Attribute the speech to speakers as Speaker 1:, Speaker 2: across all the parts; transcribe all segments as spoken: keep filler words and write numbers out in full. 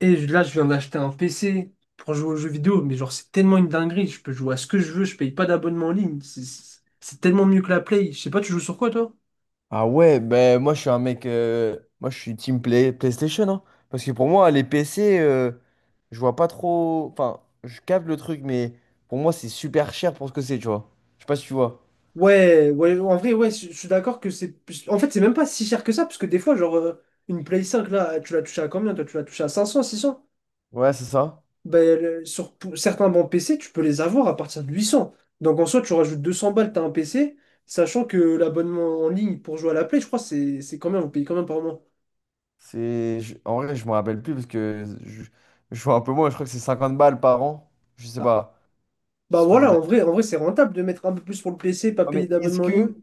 Speaker 1: Et je- là, je viens d'acheter un P C pour jouer aux jeux vidéo, mais genre, c'est tellement une dinguerie. Je peux jouer à ce que je veux, je paye pas d'abonnement en ligne. C'est c'est- c'est tellement mieux que la Play. Je sais pas, tu joues sur quoi, toi?
Speaker 2: Ah ouais, ben moi je suis un mec, euh, moi je suis team play, PlayStation, hein. Parce que pour moi les P C, euh, je vois pas trop, enfin je capte le truc, mais pour moi c'est super cher pour ce que c'est, tu vois. Je sais pas si tu vois.
Speaker 1: Ouais, ouais, en vrai, ouais, je je suis d'accord que c'est plus- en fait, c'est même pas si cher que ça, parce que des fois, genre, euh, une Play cinq, là, tu l'as touché à combien? Toi, tu l'as touché à cinq cents, six cents?
Speaker 2: Ouais, c'est ça.
Speaker 1: Ben, le- sur p- certains bons P C, tu peux les avoir à partir de huit cents. Donc, en soi, tu rajoutes deux cents balles, t'as un P C, sachant que l'abonnement en ligne pour jouer à la Play, je crois, c'est c'est combien? Vous payez combien par mois?
Speaker 2: C'est, je- en vrai je me rappelle plus parce que je, je vois un peu moins, je crois que c'est cinquante balles par an, je sais pas. Je
Speaker 1: Bah
Speaker 2: se foutais de
Speaker 1: voilà,
Speaker 2: la.
Speaker 1: en vrai, en vrai, c'est rentable de mettre un peu plus pour le P C, pas
Speaker 2: Ouais,
Speaker 1: payer
Speaker 2: mais est-ce
Speaker 1: d'abonnement en ligne.
Speaker 2: que,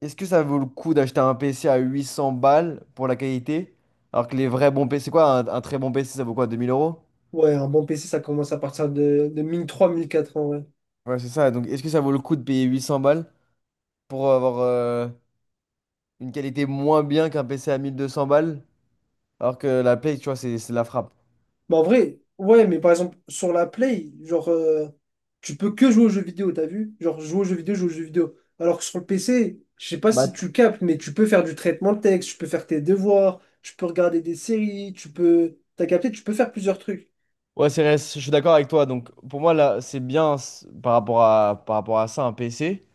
Speaker 2: est-ce que ça vaut le coup d'acheter un P C à huit cents balles pour la qualité, alors que les vrais bons P C, c'est quoi un, un très bon P C, ça vaut quoi, deux mille euros?
Speaker 1: Ouais, un bon P C, ça commence à partir de, de mille trois mille quatre en vrai.
Speaker 2: Ouais, c'est ça. Donc, est-ce que ça vaut le coup de payer huit cents balles pour avoir euh, une qualité moins bien qu'un P C à mille deux cents balles, alors que la Play, tu vois, c'est c'est la frappe.
Speaker 1: Bah en vrai, ouais, mais par exemple, sur la Play, genre, euh, tu peux que jouer aux jeux vidéo, t'as vu? Genre, jouer aux jeux vidéo, jouer aux jeux vidéo. Alors que sur le P C, je sais pas si
Speaker 2: Bah,
Speaker 1: tu captes, mais tu peux faire du traitement de texte, tu peux faire tes devoirs, tu peux regarder des séries, tu peux, t'as capté, tu peux faire plusieurs trucs.
Speaker 2: ouais, c'est vrai, je suis d'accord avec toi. Donc, pour moi, là, c'est bien c- par rapport à, par rapport à ça, un P C.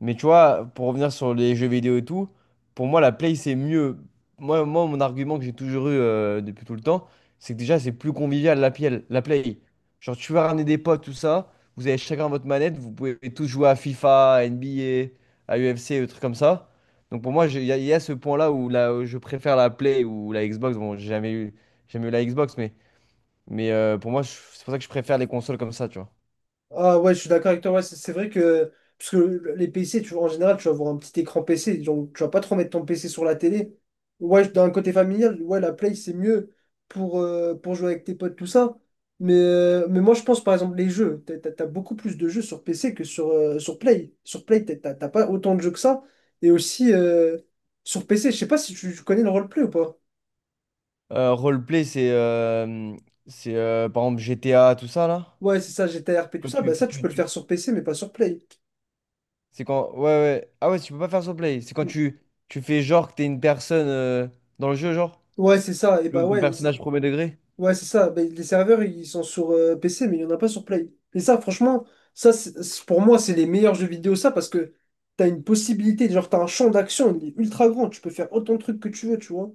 Speaker 2: Mais tu vois, pour revenir sur les jeux vidéo et tout, pour moi, la Play, c'est mieux. Moi, moi, mon argument que j'ai toujours eu euh, depuis tout le temps, c'est que déjà, c'est plus convivial la, play, la Play. Genre, tu vas ramener des potes, tout ça, vous avez chacun votre manette, vous pouvez tous jouer à FIFA, à N B A, à U F C, des trucs comme ça. Donc, pour moi, je- il y, a il y a ce point-là où, la- où je préfère la Play ou la Xbox. Bon, j'ai jamais eu, j'ai jamais eu la Xbox, mais, mais euh, pour moi, je- c'est pour ça que je préfère les consoles comme ça, tu vois.
Speaker 1: Ah ouais, je suis d'accord avec toi. Ouais, c'est c'est vrai que parce que le- les P C, tu, en général, tu vas avoir un petit écran P C, donc tu vas pas trop mettre ton P C sur la télé. Ouais, je- d'un côté familial, ouais, la Play, c'est mieux pour, euh, pour jouer avec tes potes, tout ça. Mais, euh, mais moi, je pense, par exemple, les jeux. T'as, t'as- t'as beaucoup plus de jeux sur P C que sur, euh, sur Play. Sur Play, t'as t'as- t'as pas autant de jeux que ça. Et aussi, euh, sur P C, je sais pas si tu, tu connais le roleplay ou pas.
Speaker 2: Euh, roleplay, c'est euh, c'est euh, par exemple G T A, tout ça là.
Speaker 1: Ouais, c'est ça, G T A R P, tout
Speaker 2: Quand
Speaker 1: ça.
Speaker 2: tu,
Speaker 1: Bah ça, tu
Speaker 2: tu-
Speaker 1: peux le
Speaker 2: tu-
Speaker 1: faire sur P C, mais pas sur Play.
Speaker 2: C'est quand, ouais ouais, ah ouais, tu peux pas faire roleplay. C'est quand
Speaker 1: Hmm.
Speaker 2: tu tu fais genre que t'es une personne euh, dans le jeu, genre.
Speaker 1: Ouais, c'est ça. Et bah
Speaker 2: Le- ton
Speaker 1: ouais.
Speaker 2: personnage premier degré.
Speaker 1: Ouais, c'est ça. Ben, les serveurs, ils sont sur euh, P C, mais il n'y en a pas sur Play. Et ça, franchement, ça, c'est- c'est- pour moi, c'est les meilleurs jeux vidéo, ça, parce que t'as une possibilité, genre, t'as un champ d'action, il est ultra grand, tu peux faire autant de trucs que tu veux, tu vois.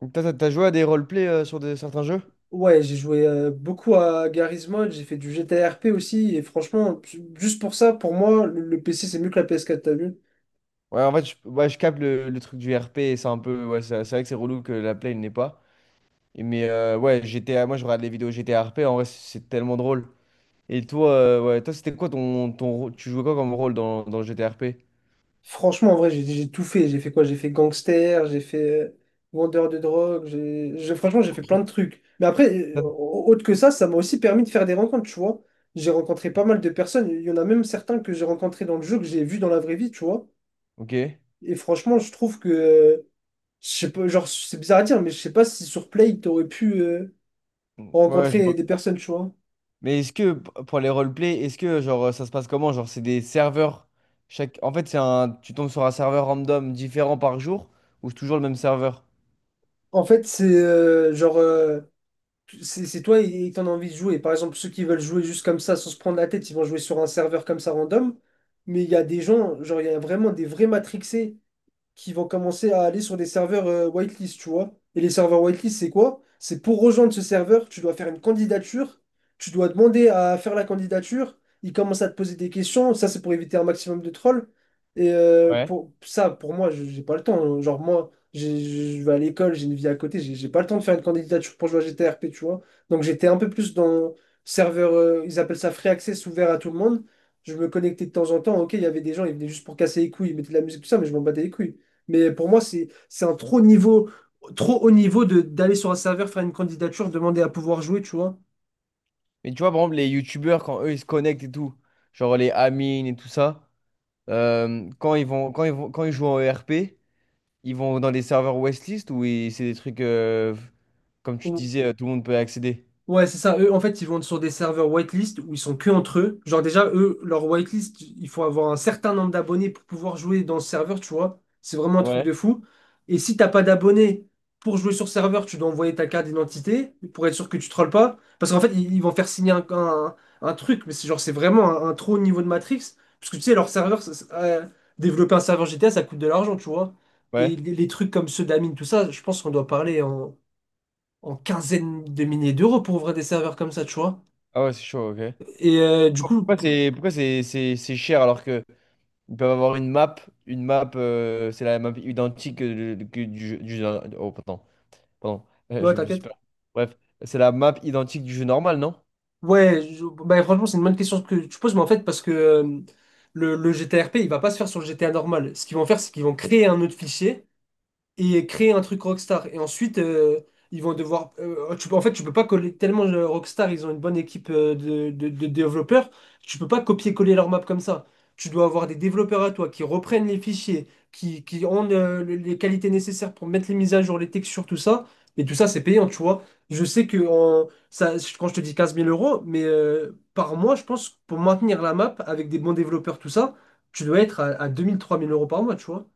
Speaker 2: Donc t'as t'as- t'as joué à des roleplay euh, sur de, certains jeux?
Speaker 1: Ouais, j'ai joué euh, beaucoup à Garry's Mod, j'ai fait du G T A R P aussi, et franchement, ju- juste pour ça, pour moi, le, le P C, c'est mieux que la P S quatre, t'as vu?
Speaker 2: Ouais, en fait je, ouais, je capte le, le truc du R P, et c'est un peu, ouais, c'est c'est vrai que c'est relou que la play n'est pas. Et mais euh, ouais, G T A, moi je regarde les vidéos G T A R P, en vrai c'est tellement drôle. Et toi, euh, ouais, toi c'était quoi ton ton rô- tu jouais quoi comme rôle dans dans le G T A R P?
Speaker 1: Franchement, en vrai, j'ai j'ai tout fait. J'ai fait quoi? J'ai fait gangster, j'ai fait euh, vendeur de drogue, j'ai, j'ai- franchement, j'ai fait plein de trucs. Mais après, euh,
Speaker 2: Ça.
Speaker 1: au- autre que ça, ça m'a aussi permis de faire des rencontres, tu vois. J'ai rencontré pas mal de personnes. Il y en a même certains que j'ai rencontrés dans le jeu, que j'ai vus dans la vraie vie, tu vois.
Speaker 2: Ok.
Speaker 1: Et franchement, je trouve que, euh, je sais pas, genre, c'est bizarre à dire, mais je sais pas si sur Play, t'aurais pu euh,
Speaker 2: Ouais, je
Speaker 1: rencontrer
Speaker 2: vois.
Speaker 1: des personnes, tu vois.
Speaker 2: Mais est-ce que p- pour les roleplay, est-ce que, genre, ça se passe comment? Genre c'est des serveurs, chaque en fait c'est un, tu tombes sur un serveur random différent par jour, ou c'est toujours le même serveur?
Speaker 1: En fait, c'est euh, genre. euh, C'est c'est toi et t'en as envie de jouer. Par exemple, ceux qui veulent jouer juste comme ça, sans se prendre la tête, ils vont jouer sur un serveur comme ça random. Mais il y a des gens, genre il y a vraiment des vrais matrixés qui vont commencer à aller sur des serveurs euh, whitelist, tu vois. Et les serveurs whitelist, c'est quoi? C'est pour rejoindre ce serveur, tu dois faire une candidature, tu dois demander à faire la candidature, ils commencent à te poser des questions, ça c'est pour éviter un maximum de trolls. Et euh,
Speaker 2: Ouais.
Speaker 1: pour ça, pour moi, je- j'ai pas le temps, hein. Genre moi, j'ai- je vais à l'école, j'ai une vie à côté, j'ai j'ai pas le temps de faire une candidature pour jouer à G T R P, tu vois. Donc j'étais un peu plus dans serveur, euh, ils appellent ça free access, ouvert à tout le monde. Je me connectais de temps en temps, ok, il y avait des gens, ils venaient juste pour casser les couilles, ils mettaient de la musique, tout ça, mais je m'en battais les couilles. Mais pour moi, c'est c'est un trop niveau, trop haut niveau de d'aller sur un serveur, faire une candidature, demander à pouvoir jouer, tu vois.
Speaker 2: Mais tu vois par exemple les youtubeurs, quand eux ils se connectent et tout, genre les Amine et tout ça, euh, quand ils vont quand ils vont quand ils jouent en E R p, ils vont dans des serveurs Westlist, ou ils- c'est des trucs, euh, comme tu disais, euh, tout le monde peut accéder.
Speaker 1: Ouais, c'est ça. Eux, en fait, ils vont sur des serveurs whitelist où ils sont que entre eux. Genre, déjà, eux, leur whitelist, il faut avoir un certain nombre d'abonnés pour pouvoir jouer dans ce serveur, tu vois. C'est vraiment un truc de
Speaker 2: Ouais.
Speaker 1: fou. Et si t'as pas d'abonnés pour jouer sur serveur, tu dois envoyer ta carte d'identité pour être sûr que tu trolles pas. Parce qu'en fait, ils, ils vont faire signer un, un- un truc, mais c'est genre, c'est vraiment un, un trop haut niveau de Matrix. Parce que tu sais, leur serveur, ça- ça- euh, développer un serveur G T A, ça coûte de l'argent, tu vois. Et
Speaker 2: Ouais.
Speaker 1: les, les trucs comme ceux d'Amine, tout ça, je pense qu'on doit parler en en quinzaine de milliers d'euros pour ouvrir des serveurs comme ça, tu vois.
Speaker 2: Ah ouais, c'est chaud, OK.
Speaker 1: Et euh, du coup,
Speaker 2: Pourquoi
Speaker 1: p-
Speaker 2: c'est pourquoi c'est c'est c'est cher, alors que ils peuvent avoir une map, une map, euh, c'est la map identique que, que du jeu, du jeu- Oh, pardon, pardon, euh,
Speaker 1: ouais,
Speaker 2: je me suis
Speaker 1: t'inquiète.
Speaker 2: pas. Bref, c'est la map identique du jeu normal, non?
Speaker 1: Ouais, je- bah, franchement, c'est une bonne question que tu poses, mais en fait, parce que euh, le, le G T R P, il va pas se faire sur le G T A normal. Ce qu'ils vont faire, c'est qu'ils vont créer un autre fichier et créer un truc Rockstar. Et ensuite, euh, ils vont devoir, euh, tu peux, en fait, tu peux pas coller tellement euh, Rockstar, ils ont une bonne équipe euh, de, de- de développeurs. Tu peux pas copier-coller leur map comme ça. Tu dois avoir des développeurs à toi qui reprennent les fichiers, qui, qui ont euh, le- les qualités nécessaires pour mettre les mises à jour, les textures, tout ça. Et tout ça, c'est payant, tu vois. Je sais que en- ça, quand je te dis quinze mille euros, mais euh, par mois, je pense, pour maintenir la map avec des bons développeurs, tout ça, tu dois être à, à deux mille, trois mille euros par mois, tu vois.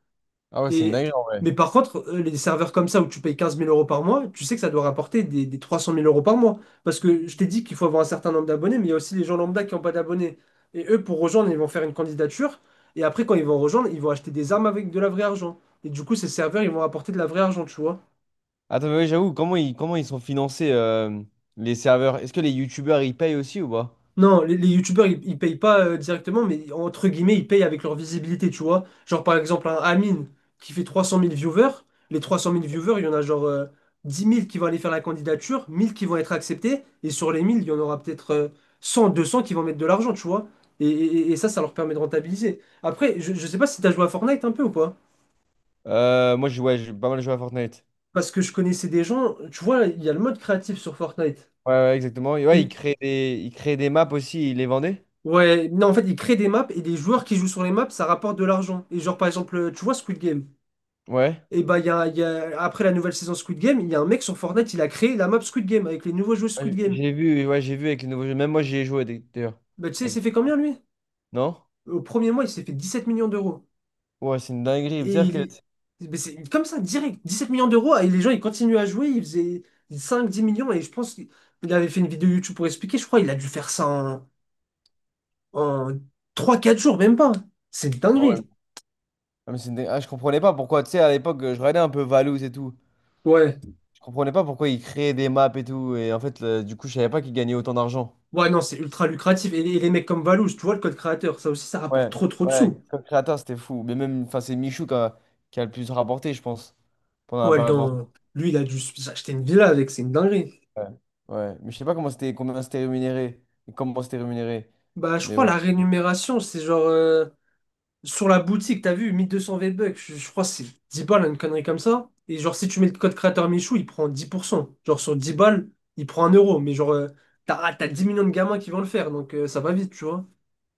Speaker 2: Ah ouais, c'est une
Speaker 1: Et,
Speaker 2: dinguerie en vrai.
Speaker 1: mais par contre, euh, les serveurs comme ça où tu payes quinze mille euros par mois, tu sais que ça doit rapporter des, des trois cent mille euros par mois. Parce que je t'ai dit qu'il faut avoir un certain nombre d'abonnés, mais il y a aussi les gens lambda qui n'ont pas d'abonnés. Et eux, pour rejoindre, ils vont faire une candidature. Et après, quand ils vont rejoindre, ils vont acheter des armes avec de la vraie argent. Et du coup, ces serveurs, ils vont apporter de la vraie argent, tu vois.
Speaker 2: Attends, mais ouais, j'avoue, comment ils, comment ils sont financés, euh, les serveurs? Est-ce que les youtubeurs, ils payent aussi ou pas?
Speaker 1: Non, les, les youtubeurs, ils, ils payent pas euh, directement, mais entre guillemets, ils payent avec leur visibilité, tu vois. Genre, par exemple, un Amine qui fait trois cent mille viewers, les trois cent mille viewers, il y en a genre euh, dix mille qui vont aller faire la candidature, mille qui vont être acceptés, et sur les mille, il y en aura peut-être euh, cent, deux cents qui vont mettre de l'argent, tu vois. Et, et- et ça, ça leur permet de rentabiliser. Après, je, je sais pas si t'as joué à Fortnite un peu ou pas,
Speaker 2: Euh, moi, je, ouais, j'ai pas mal joué à Fortnite.
Speaker 1: parce que je connaissais des gens, tu vois, il y a le mode créatif sur Fortnite.
Speaker 2: Ouais, ouais, exactement. Et ouais, ils
Speaker 1: Et
Speaker 2: créent des, ils créaient des maps aussi, ils les vendaient.
Speaker 1: ouais, non, en fait, ils créent des maps et des joueurs qui jouent sur les maps, ça rapporte de l'argent. Et genre, par exemple, euh, tu vois Squid Game.
Speaker 2: Ouais.
Speaker 1: Et bah, il y a, il y a- après la nouvelle saison Squid Game, il y a un mec sur Fortnite, il a créé la map Squid Game avec les nouveaux joueurs Squid
Speaker 2: Ouais,
Speaker 1: Game.
Speaker 2: J'ai vu, ouais, j'ai vu avec les nouveaux jeux. Même moi, j'y ai joué d'ailleurs.
Speaker 1: Bah, tu sais, il s'est
Speaker 2: Avec-
Speaker 1: fait combien lui?
Speaker 2: Non?
Speaker 1: Au premier mois, il s'est fait dix sept millions d'euros.
Speaker 2: Ouais, c'est une dinguerie.
Speaker 1: Et
Speaker 2: C'est-à-dire
Speaker 1: il-
Speaker 2: que.
Speaker 1: mais c'est comme ça, direct, dix sept millions d'euros. Et les gens, ils continuent à jouer, ils faisaient cinq dix millions. Et je pense qu'il il avait fait une vidéo YouTube pour expliquer, je crois, il a dû faire ça en, en trois quatre jours, même pas. C'est une
Speaker 2: Ah ouais,
Speaker 1: dinguerie.
Speaker 2: Ah, mais c'est une dé- ah, je comprenais pas pourquoi, tu sais, à l'époque, je regardais un peu Valouz et tout.
Speaker 1: Ouais.
Speaker 2: Je comprenais pas pourquoi ils créaient des maps et tout. Et en fait, le- du coup, je savais pas qu'ils gagnaient autant d'argent.
Speaker 1: Ouais, non, c'est ultra lucratif. Et, les et les mecs comme Valouz, tu vois, le code créateur, ça aussi, ça rapporte
Speaker 2: Ouais,
Speaker 1: trop trop de
Speaker 2: ouais,
Speaker 1: sous.
Speaker 2: comme créateur, c'était fou. Mais même, enfin, c'est Michou qui a, qui a le plus rapporté, je pense, pendant la
Speaker 1: Ouais.
Speaker 2: période Fortnite.
Speaker 1: dans... Lui, il a dû acheter une villa avec, c'est une dinguerie.
Speaker 2: Ouais, ouais. Mais je sais pas comment c'était, combien c'était rémunéré. Et comment c'était rémunéré.
Speaker 1: Bah, je
Speaker 2: Mais
Speaker 1: crois
Speaker 2: bon.
Speaker 1: la rémunération, c'est genre, euh, sur la boutique, t'as vu, mille deux cents V-Bucks, je, je crois que c'est dix balles, une connerie comme ça. Et genre, si tu mets le code créateur Michou, il prend dix pour cent. Genre, sur dix balles, il prend un euro. Mais genre, euh, t'as, ah, t'as dix millions de gamins qui vont le faire, donc euh, ça va vite, tu vois.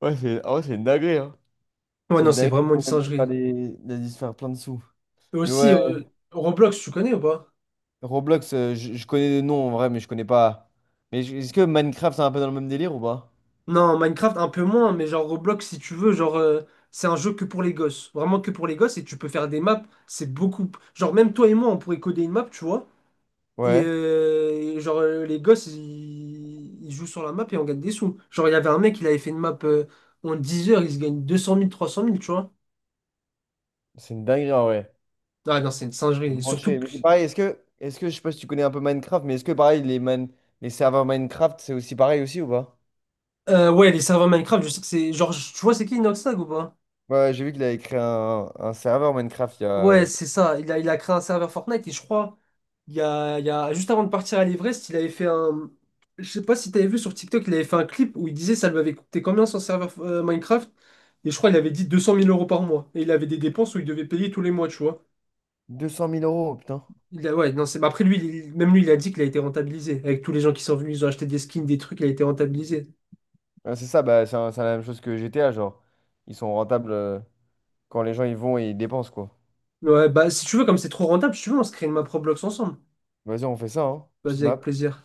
Speaker 2: Ouais, c'est, ah ouais, c'est une dinguerie, hein.
Speaker 1: Ouais,
Speaker 2: C'est
Speaker 1: non,
Speaker 2: une
Speaker 1: c'est
Speaker 2: dinguerie.
Speaker 1: vraiment une
Speaker 2: Il a dû se faire
Speaker 1: singerie.
Speaker 2: des- il a dû se faire plein de sous.
Speaker 1: Et
Speaker 2: Mais
Speaker 1: aussi,
Speaker 2: ouais,
Speaker 1: euh, Roblox, tu connais ou pas?
Speaker 2: Roblox, euh, je, je connais des noms en vrai, mais je connais pas. Mais je- est-ce que Minecraft, c'est un peu dans le même délire ou pas?
Speaker 1: Non, Minecraft un peu moins, mais genre Roblox si tu veux, genre euh, c'est un jeu que pour les gosses, vraiment que pour les gosses, et tu peux faire des maps, c'est beaucoup. Genre même toi et moi on pourrait coder une map, tu vois, et,
Speaker 2: Ouais,
Speaker 1: euh, et genre euh, les gosses ils... ils jouent sur la map et on gagne des sous. Genre il y avait un mec, il avait fait une map euh, en dix heures, il se gagne deux cent mille, trois cent mille, tu vois.
Speaker 2: c'est une dinguerie en vrai.
Speaker 1: Ah non, c'est une
Speaker 2: Faut se
Speaker 1: singerie, surtout
Speaker 2: brancher.
Speaker 1: que
Speaker 2: Mais c'est pareil, est-ce que, est-ce que, je sais pas si tu connais un peu Minecraft, mais est-ce que pareil, les, man- les serveurs Minecraft, c'est aussi pareil aussi ou pas?
Speaker 1: euh, ouais, les serveurs Minecraft, je sais que c'est, genre tu vois c'est qui Inoxtag ou pas?
Speaker 2: Ouais, ouais, j'ai vu qu'il avait créé un, un serveur Minecraft il y a, il y
Speaker 1: Ouais,
Speaker 2: a
Speaker 1: c'est ça. Il a, il a créé un serveur Fortnite et je crois, il y a, il y a, juste avant de partir à l'Everest, il avait fait un. Je sais pas si t'avais vu sur TikTok, il avait fait un clip où il disait ça lui avait coûté combien son serveur euh, Minecraft. Et je crois il avait dit deux cent mille euros par mois. Et il avait des dépenses où il devait payer tous les mois, tu vois.
Speaker 2: deux cent mille euros, putain.
Speaker 1: Il a, ouais, non, c'est, bah après lui, il- même lui, il a dit qu'il a été rentabilisé. Avec tous les gens qui sont venus, ils ont acheté des skins, des trucs, il a été rentabilisé.
Speaker 2: Ouais, c'est ça, bah, c'est un- c'est la même chose que G T A, genre. Ils sont rentables euh, quand les gens ils vont et ils dépensent, quoi.
Speaker 1: Ouais, bah si tu veux, comme c'est trop rentable, si tu veux, on se crée une map Roblox ensemble.
Speaker 2: Vas-y, on fait ça, hein. Petite
Speaker 1: Vas-y, avec
Speaker 2: map.
Speaker 1: plaisir.